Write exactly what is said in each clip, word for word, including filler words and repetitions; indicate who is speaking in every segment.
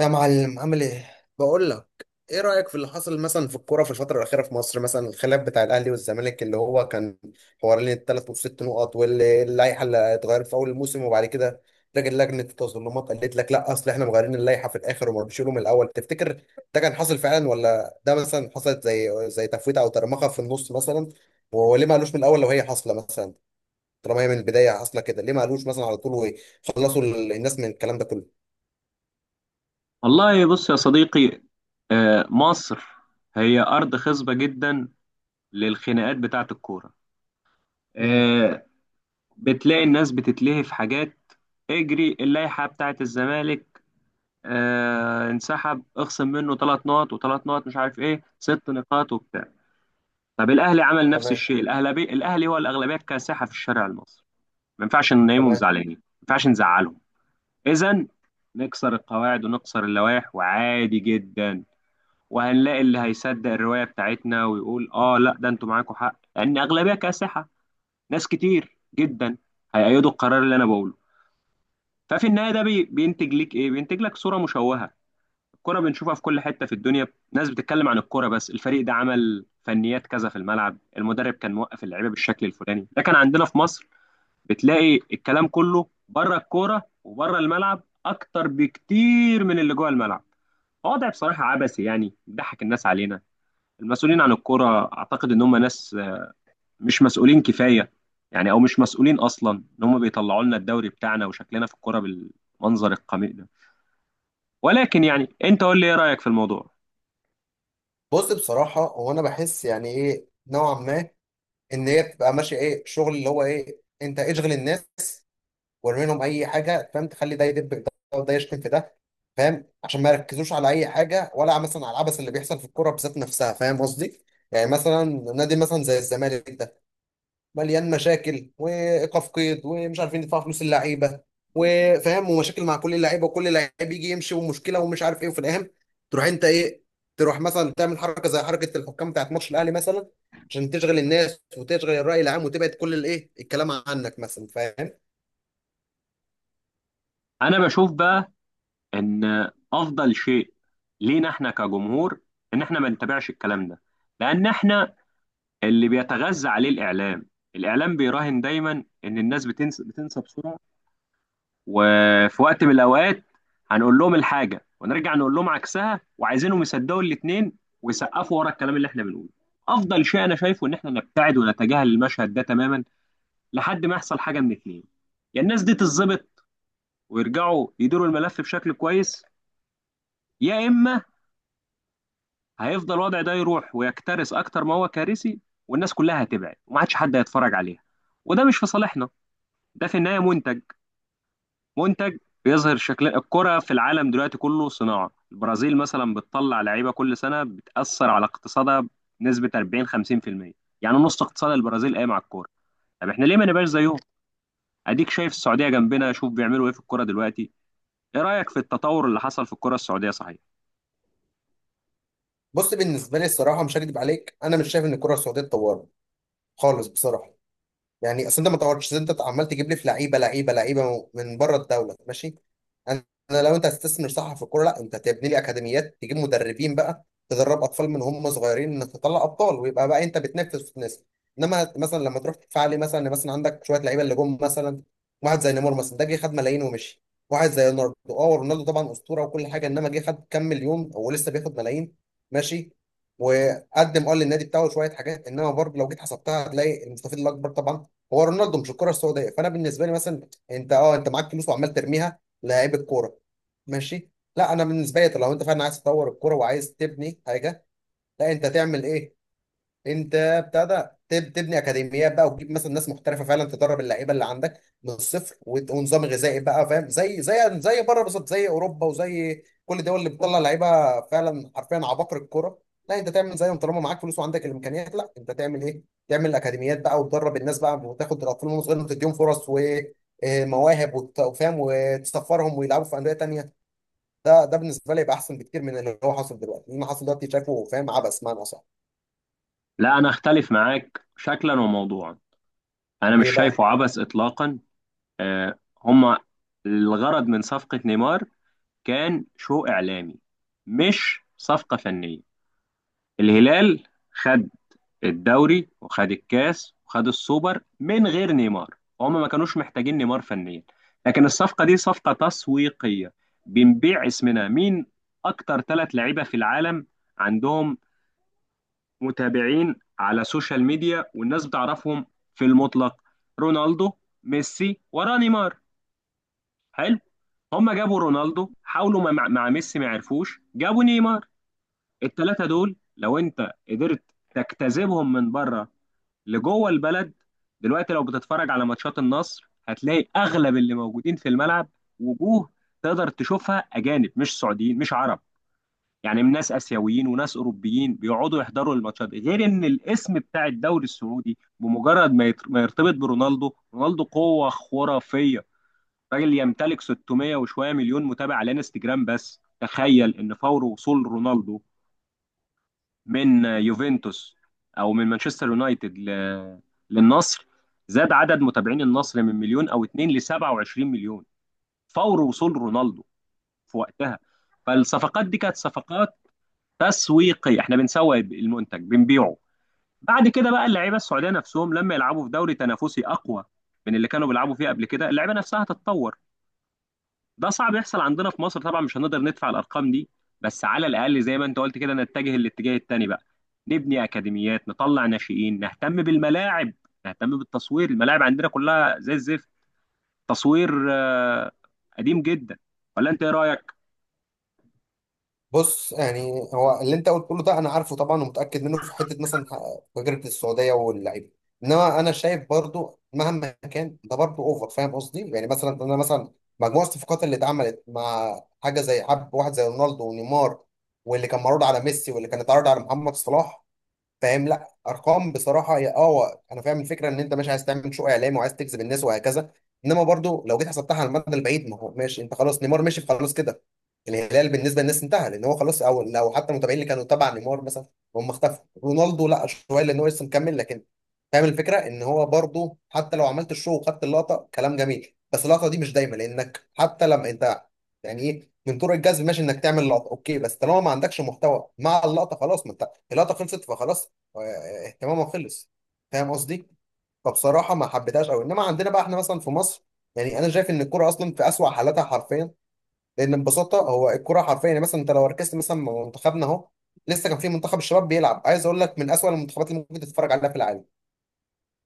Speaker 1: يا معلم عامل ايه؟ بقول لك ايه رأيك في اللي حصل مثلا في الكوره في الفترة الأخيرة في مصر، مثلا الخلاف بتاع الأهلي والزمالك اللي هو كان حوالين الثلاث والست نقط واللائحة اللي اتغيرت في أول الموسم. وبعد كده راجل لجنة التظلمات قالت لك لا أصل احنا مغيرين اللائحة في الآخر وما بنشيله من الأول. تفتكر ده كان حاصل فعلا، ولا ده مثلا حصلت زي زي تفويتة أو ترمخة في النص مثلا؟ هو ليه ما قالوش من الأول لو هي حاصلة مثلا؟ طالما هي من البداية حاصلة كده، ليه ما قالوش مثلا على طول وخلصوا الناس من الكلام ده كله؟
Speaker 2: والله، بص يا صديقي. آه، مصر هي أرض خصبة جدا للخناقات بتاعة الكورة.
Speaker 1: امم.
Speaker 2: آه، بتلاقي الناس بتتلهي في حاجات، اجري اللائحة بتاعة الزمالك، آه، انسحب اخصم منه ثلاث نقط وثلاث نقط، مش عارف ايه، ست نقاط وبتاع. طب الأهلي عمل نفس
Speaker 1: تمام.
Speaker 2: الشيء. الأهلي الأهلي هو الأغلبية الكاسحة في الشارع المصري، ما ينفعش ننيمهم
Speaker 1: تمام.
Speaker 2: زعلانين، ما ينفعش نزعلهم. إذا نكسر القواعد ونكسر اللوائح وعادي جدا، وهنلاقي اللي هيصدق الرواية بتاعتنا ويقول اه لا ده انتوا معاكم حق لان اغلبية كاسحة، ناس كتير جدا هيأيدوا القرار اللي انا بقوله. ففي النهاية ده بي- بينتج لك ايه؟ بينتج لك صورة مشوهة. الكرة بنشوفها في كل حتة في الدنيا، ناس بتتكلم عن الكرة بس، الفريق ده عمل فنيات كذا في الملعب، المدرب كان موقف اللعيبة بالشكل الفلاني. لكن عندنا في مصر بتلاقي الكلام كله بره الكورة وبره الملعب اكتر بكتير من اللي جوه الملعب. وضع بصراحة عبثي، يعني بيضحك الناس علينا. المسؤولين عن الكرة اعتقد ان هم ناس مش مسؤولين كفاية، يعني او مش مسؤولين اصلا ان هم بيطلعوا لنا الدوري بتاعنا وشكلنا في الكرة بالمنظر القميء ده. ولكن يعني انت قول لي، ايه رأيك في الموضوع؟
Speaker 1: بص، بصراحة هو أنا بحس يعني إيه نوعا ما إن هي بتبقى ماشية إيه، شغل اللي هو إيه، أنت اشغل الناس وارمي لهم أي حاجة، فاهم؟ تخلي ده يدب في ده وده يشتم في ده، فاهم؟ عشان ما يركزوش على أي حاجة، ولا مثلا على العبث اللي بيحصل في الكورة بذات نفسها. فاهم قصدي؟ يعني مثلا نادي مثلا زي الزمالك ده مليان مشاكل وايقاف قيد ومش عارفين يدفعوا فلوس اللعيبه، وفاهم ومشاكل مع كل اللعيبه وكل لعيب يجي يمشي ومشكله ومش عارف ايه. وفي الاهم تروح انت ايه، تروح مثلا تعمل حركه زي حركه الحكام بتاعت ماتش الاهلي مثلا، عشان تشغل الناس وتشغل الراي العام وتبعد كل الايه الكلام عنك مثلا، فاهم؟
Speaker 2: انا بشوف بقى ان افضل شيء لينا احنا كجمهور ان احنا ما نتابعش الكلام ده، لان احنا اللي بيتغذى عليه الاعلام. الاعلام بيراهن دايما ان الناس بتنسى، بتنسى بسرعة. وفي وقت من الاوقات هنقول لهم الحاجه ونرجع نقول لهم عكسها وعايزينهم يصدقوا الاثنين ويسقفوا ورا الكلام اللي احنا بنقوله. افضل شيء انا شايفه ان احنا نبتعد ونتجاهل المشهد ده تماما لحد ما يحصل حاجه من اثنين: يا الناس دي تتظبط ويرجعوا يديروا الملف بشكل كويس، يا اما هيفضل الوضع ده يروح ويكترث اكتر ما هو كارثي والناس كلها هتبعد وما عادش حد هيتفرج عليها، وده مش في صالحنا. ده في النهايه منتج. منتج بيظهر شكل الكرة في العالم دلوقتي كله. صناعة البرازيل مثلا بتطلع لعيبة كل سنة بتأثر على اقتصادها بنسبة أربعين خمسين في المية. يعني نص اقتصاد البرازيل قايم على الكورة. طب احنا ليه ما نبقاش زيهم؟ اديك شايف السعودية جنبنا، شوف بيعملوا ايه في الكورة دلوقتي. ايه رأيك في التطور اللي حصل في الكورة السعودية صحيح؟
Speaker 1: بص، بالنسبه لي الصراحه مش هكدب عليك، انا مش شايف ان الكره السعوديه اتطورت خالص، بصراحه. يعني اصل انت ما طورتش، انت عمال تجيب لي في لعيبه لعيبه لعيبه من بره الدوله. ماشي. انا أنا لو انت هتستثمر صح في الكوره، لا انت تبني لي اكاديميات، تجيب مدربين بقى تدرب اطفال من هم صغيرين، انك تطلع ابطال ويبقى بقى انت بتنافس في الناس. انما مثلا لما تروح تدفع لي مثلا مثلا عندك شويه لعيبه اللي جم مثلا، واحد زي نيمار مثلا، ده جه خد ملايين ومشي. واحد زي رونالدو، اه رونالدو طبعا اسطوره وكل حاجه، انما جه خد كام مليون ولسه بياخد ملايين. ماشي. وقدم اه للنادي بتاعه شويه حاجات، انما برضه لو جيت حسبتها هتلاقي المستفيد الاكبر طبعا هو رونالدو مش الكره السعوديه. فانا بالنسبه لي مثلا انت، اه انت معاك فلوس وعمال ترميها لعيب الكوره. ماشي. لا انا بالنسبه لي لو انت فعلا عايز تطور الكوره وعايز تبني حاجه، لا انت تعمل ايه؟ انت ابتدى تب- تبني اكاديميات بقى، وتجيب مثلا ناس محترفه فعلا تدرب اللعيبه اللي عندك من الصفر، وت- ونظام غذائي بقى، فاهم؟ زي زي زي بره بالظبط، زي اوروبا وزي كل الدول اللي بتطلع لعيبه فعلا حرفيا عباقرة الكوره. لا انت تعمل زيهم. طالما معاك فلوس وعندك الامكانيات، لا انت تعمل ايه؟ تعمل اكاديميات بقى وتدرب الناس بقى، وتاخد الاطفال وهم صغيرين وتديهم فرص ومواهب وفاهم، وتسفرهم ويلعبوا في انديه تانيه. ده ده بالنسبه لي يبقى احسن بكتير من اللي هو حاصل دلوقتي. اللي حاصل دلوقتي شايفه، فاهم؟ عبث معنى صح.
Speaker 2: لا، انا اختلف معاك شكلا وموضوعا. انا مش
Speaker 1: ليه بقى؟
Speaker 2: شايفه عبث اطلاقا. آه هما الغرض من صفقة نيمار كان شو اعلامي، مش صفقة فنية. الهلال خد الدوري وخد الكاس وخد السوبر من غير نيمار، هم ما كانوش محتاجين نيمار فنيا. لكن الصفقة دي صفقة تسويقية. بنبيع اسمنا. مين أكتر ثلاث لعيبة في العالم عندهم متابعين على سوشيال ميديا والناس بتعرفهم في المطلق؟ رونالدو، ميسي، ورا نيمار. حلو. هم جابوا رونالدو، حاولوا مع, مع ميسي ما عرفوش، جابوا نيمار. الثلاثة دول لو انت قدرت تجتذبهم من بره لجوه البلد. دلوقتي لو بتتفرج على ماتشات النصر هتلاقي اغلب اللي موجودين في الملعب، وجوه تقدر تشوفها اجانب مش سعوديين مش عرب، يعني من ناس اسيويين وناس اوروبيين بيقعدوا يحضروا الماتشات. غير ان الاسم بتاع الدوري السعودي بمجرد ما يت- ما يرتبط برونالدو. رونالدو قوة خرافية، راجل يمتلك ستمية وشوية مليون متابع على انستجرام. بس تخيل ان فور وصول رونالدو من يوفنتوس او من مانشستر يونايتد ل- للنصر، زاد عدد متابعين النصر من مليون او اتنين ل سبعة وعشرين مليون فور وصول رونالدو في وقتها. فالصفقات دي كانت صفقات تسويقية، احنا بنسوق المنتج بنبيعه. بعد كده بقى اللعيبه السعوديه نفسهم لما يلعبوا في دوري تنافسي اقوى من اللي كانوا بيلعبوا فيه قبل كده، اللعيبه نفسها هتتطور. ده صعب يحصل عندنا في مصر طبعا، مش هنقدر ندفع الارقام دي. بس على الاقل زي ما انت قلت كده، نتجه الاتجاه التاني بقى. نبني اكاديميات، نطلع ناشئين، نهتم بالملاعب، نهتم بالتصوير. الملاعب عندنا كلها زي الزفت، تصوير آه، قديم جدا. ولا انت ايه رايك؟
Speaker 1: بص يعني هو اللي انت قلت كله ده انا عارفه طبعا ومتاكد منه، في حته مثلا تجربه السعوديه واللعيبه. انما انا شايف برضو مهما كان ده برضو اوفر، فاهم قصدي؟ يعني مثلا انا مثلا مجموع الصفقات اللي اتعملت مع حاجه زي حب واحد زي رونالدو ونيمار، واللي كان معروض على ميسي، واللي كان اتعرض على محمد صلاح، فاهم؟ لا ارقام بصراحه هي اه هو انا فاهم الفكره ان انت مش عايز تعمل شو اعلامي وعايز تجذب الناس وهكذا، انما برضو لو جيت حسبتها على المدى البعيد، ما هو ماشي انت خلاص نيمار مشي خلاص كده. الهلال بالنسبه للناس انتهى لان هو خلاص، او لو حتى المتابعين اللي كانوا تبع نيمار مثلا هم اختفوا. رونالدو لا شويه لان هو لسه مكمل، لكن فاهم الفكره ان هو برضو حتى لو عملت الشو وخدت اللقطه كلام جميل، بس اللقطه دي مش دايما، لانك حتى لما انت يعني ايه من طرق الجذب ماشي انك تعمل لقطه، اوكي بس طالما ما عندكش محتوى مع اللقطه خلاص، ما انت اللقطه خلصت فخلاص، آه، اهتمامه خلص، فاهم قصدي؟ فبصراحه ما حبيتهاش قوي. انما عندنا بقى احنا مثلا في مصر، يعني انا شايف ان الكوره اصلا في اسوأ حالاتها حرفيا، لان ببساطه هو الكوره حرفيا. يعني مثلا انت لو ركزت مثلا مع منتخبنا، اهو لسه كان في منتخب الشباب بيلعب، عايز اقول لك من اسوأ المنتخبات اللي ممكن تتفرج عليها في العالم،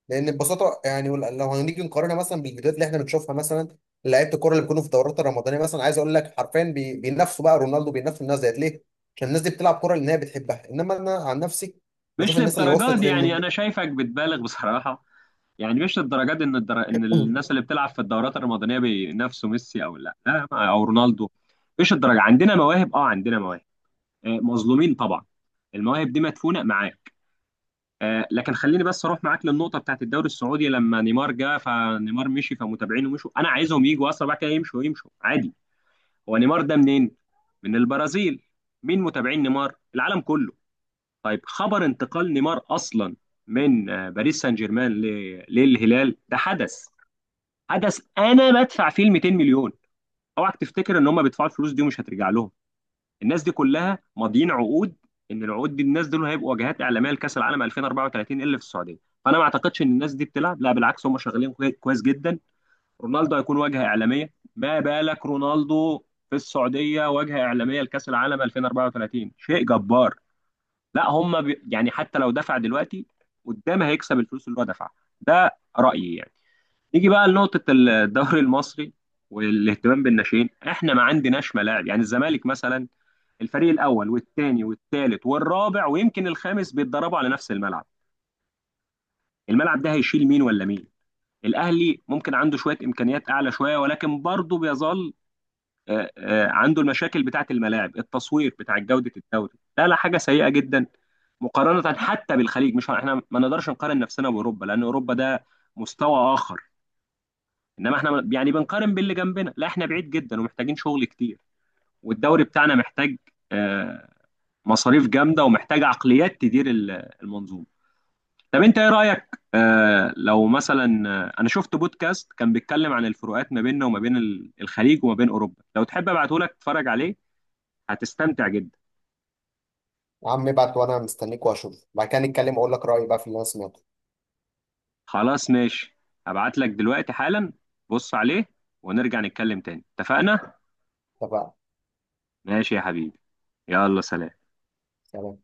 Speaker 1: لان ببساطه يعني ول- لو هنيجي نقارنها مثلا بالفيديوهات اللي احنا بنشوفها مثلا، لعيبه الكوره اللي بيكونوا في الدورات الرمضانيه مثلا، عايز اقول لك حرفيا بي- بينافسوا بقى رونالدو، بينافسوا الناس ديت. ليه؟ عشان الناس دي بتلعب كوره لان هي بتحبها. انما انا عن نفسي بشوف
Speaker 2: مش
Speaker 1: الناس اللي
Speaker 2: للدرجات
Speaker 1: وصلت
Speaker 2: دي، يعني
Speaker 1: للمنتخب.
Speaker 2: انا شايفك بتبالغ بصراحه. يعني مش للدرجات دي ان الدر... ان الناس اللي بتلعب في الدورات الرمضانيه بينافسوا ميسي او لا لا او رونالدو. مش الدرجه. عندنا مواهب، اه عندنا مواهب، آه، مظلومين طبعا. المواهب دي مدفونه معاك. آه، لكن خليني بس اروح معاك للنقطه بتاعت الدوري السعودي. لما نيمار جه فنيمار مشي فمتابعينه مشوا، انا عايزهم يجوا اصلا، بعد كده يمشوا يمشوا عادي. هو نيمار ده منين؟ من البرازيل. مين متابعين نيمار؟ العالم كله. طيب، خبر انتقال نيمار اصلا من آه، باريس سان جيرمان ل- للهلال ده حدث. حدث انا بدفع فيه ال مئتين مليون. اوعك تفتكر ان هم بيدفعوا الفلوس دي ومش هترجع لهم. الناس دي كلها ماضيين عقود ان العقود دي الناس دول هيبقوا واجهات اعلاميه لكاس العالم ألفين واربعة وثلاثين اللي في السعوديه. فانا ما اعتقدش ان الناس دي بتلعب، لا بالعكس، هم شغالين كوي- كويس جدا. رونالدو هيكون واجهه اعلاميه. ما بالك رونالدو في السعوديه واجهه اعلاميه لكاس العالم ألفين واربعة وثلاثين؟ شيء جبار. لا هم بي... يعني حتى لو دفع دلوقتي، قدام هيكسب الفلوس اللي هو دفعها. ده رايي يعني. نيجي بقى لنقطة الدوري المصري والاهتمام بالناشئين. احنا ما عندناش ملاعب، يعني الزمالك مثلا الفريق الأول والثاني والثالث والرابع ويمكن الخامس بيتدربوا على نفس الملعب. الملعب ده هيشيل مين ولا مين؟ الأهلي ممكن عنده شوية إمكانيات أعلى شوية ولكن برضه بيظل آه، آه، عنده المشاكل بتاعة الملاعب، التصوير بتاع، جودة الدوري. لا لا، حاجة سيئة جدا مقارنة حتى بالخليج. مش احنا ما نقدرش نقارن نفسنا بأوروبا لأن أوروبا ده مستوى آخر، انما احنا يعني بنقارن باللي جنبنا، لا احنا بعيد جدا ومحتاجين شغل كتير. والدوري بتاعنا محتاج آه، مصاريف جامده، ومحتاج عقليات تدير ال- المنظومه. طب انت ايه رايك؟ آه، لو مثلا، آه، انا شفت بودكاست كان بيتكلم عن الفروقات ما بيننا وما بين ال- الخليج وما بين اوروبا. لو تحب ابعته لك تتفرج عليه، هتستمتع جدا.
Speaker 1: يا عم ابعت وانا مستنيك، واشوف بعد كده نتكلم واقول لك رايي بقى في اللي انا سمعته.
Speaker 2: خلاص ماشي، هبعت لك دلوقتي حالا. بص عليه ونرجع نتكلم تاني، اتفقنا؟
Speaker 1: اتفقنا.
Speaker 2: ماشي يا حبيبي، يلا سلام.
Speaker 1: سلام.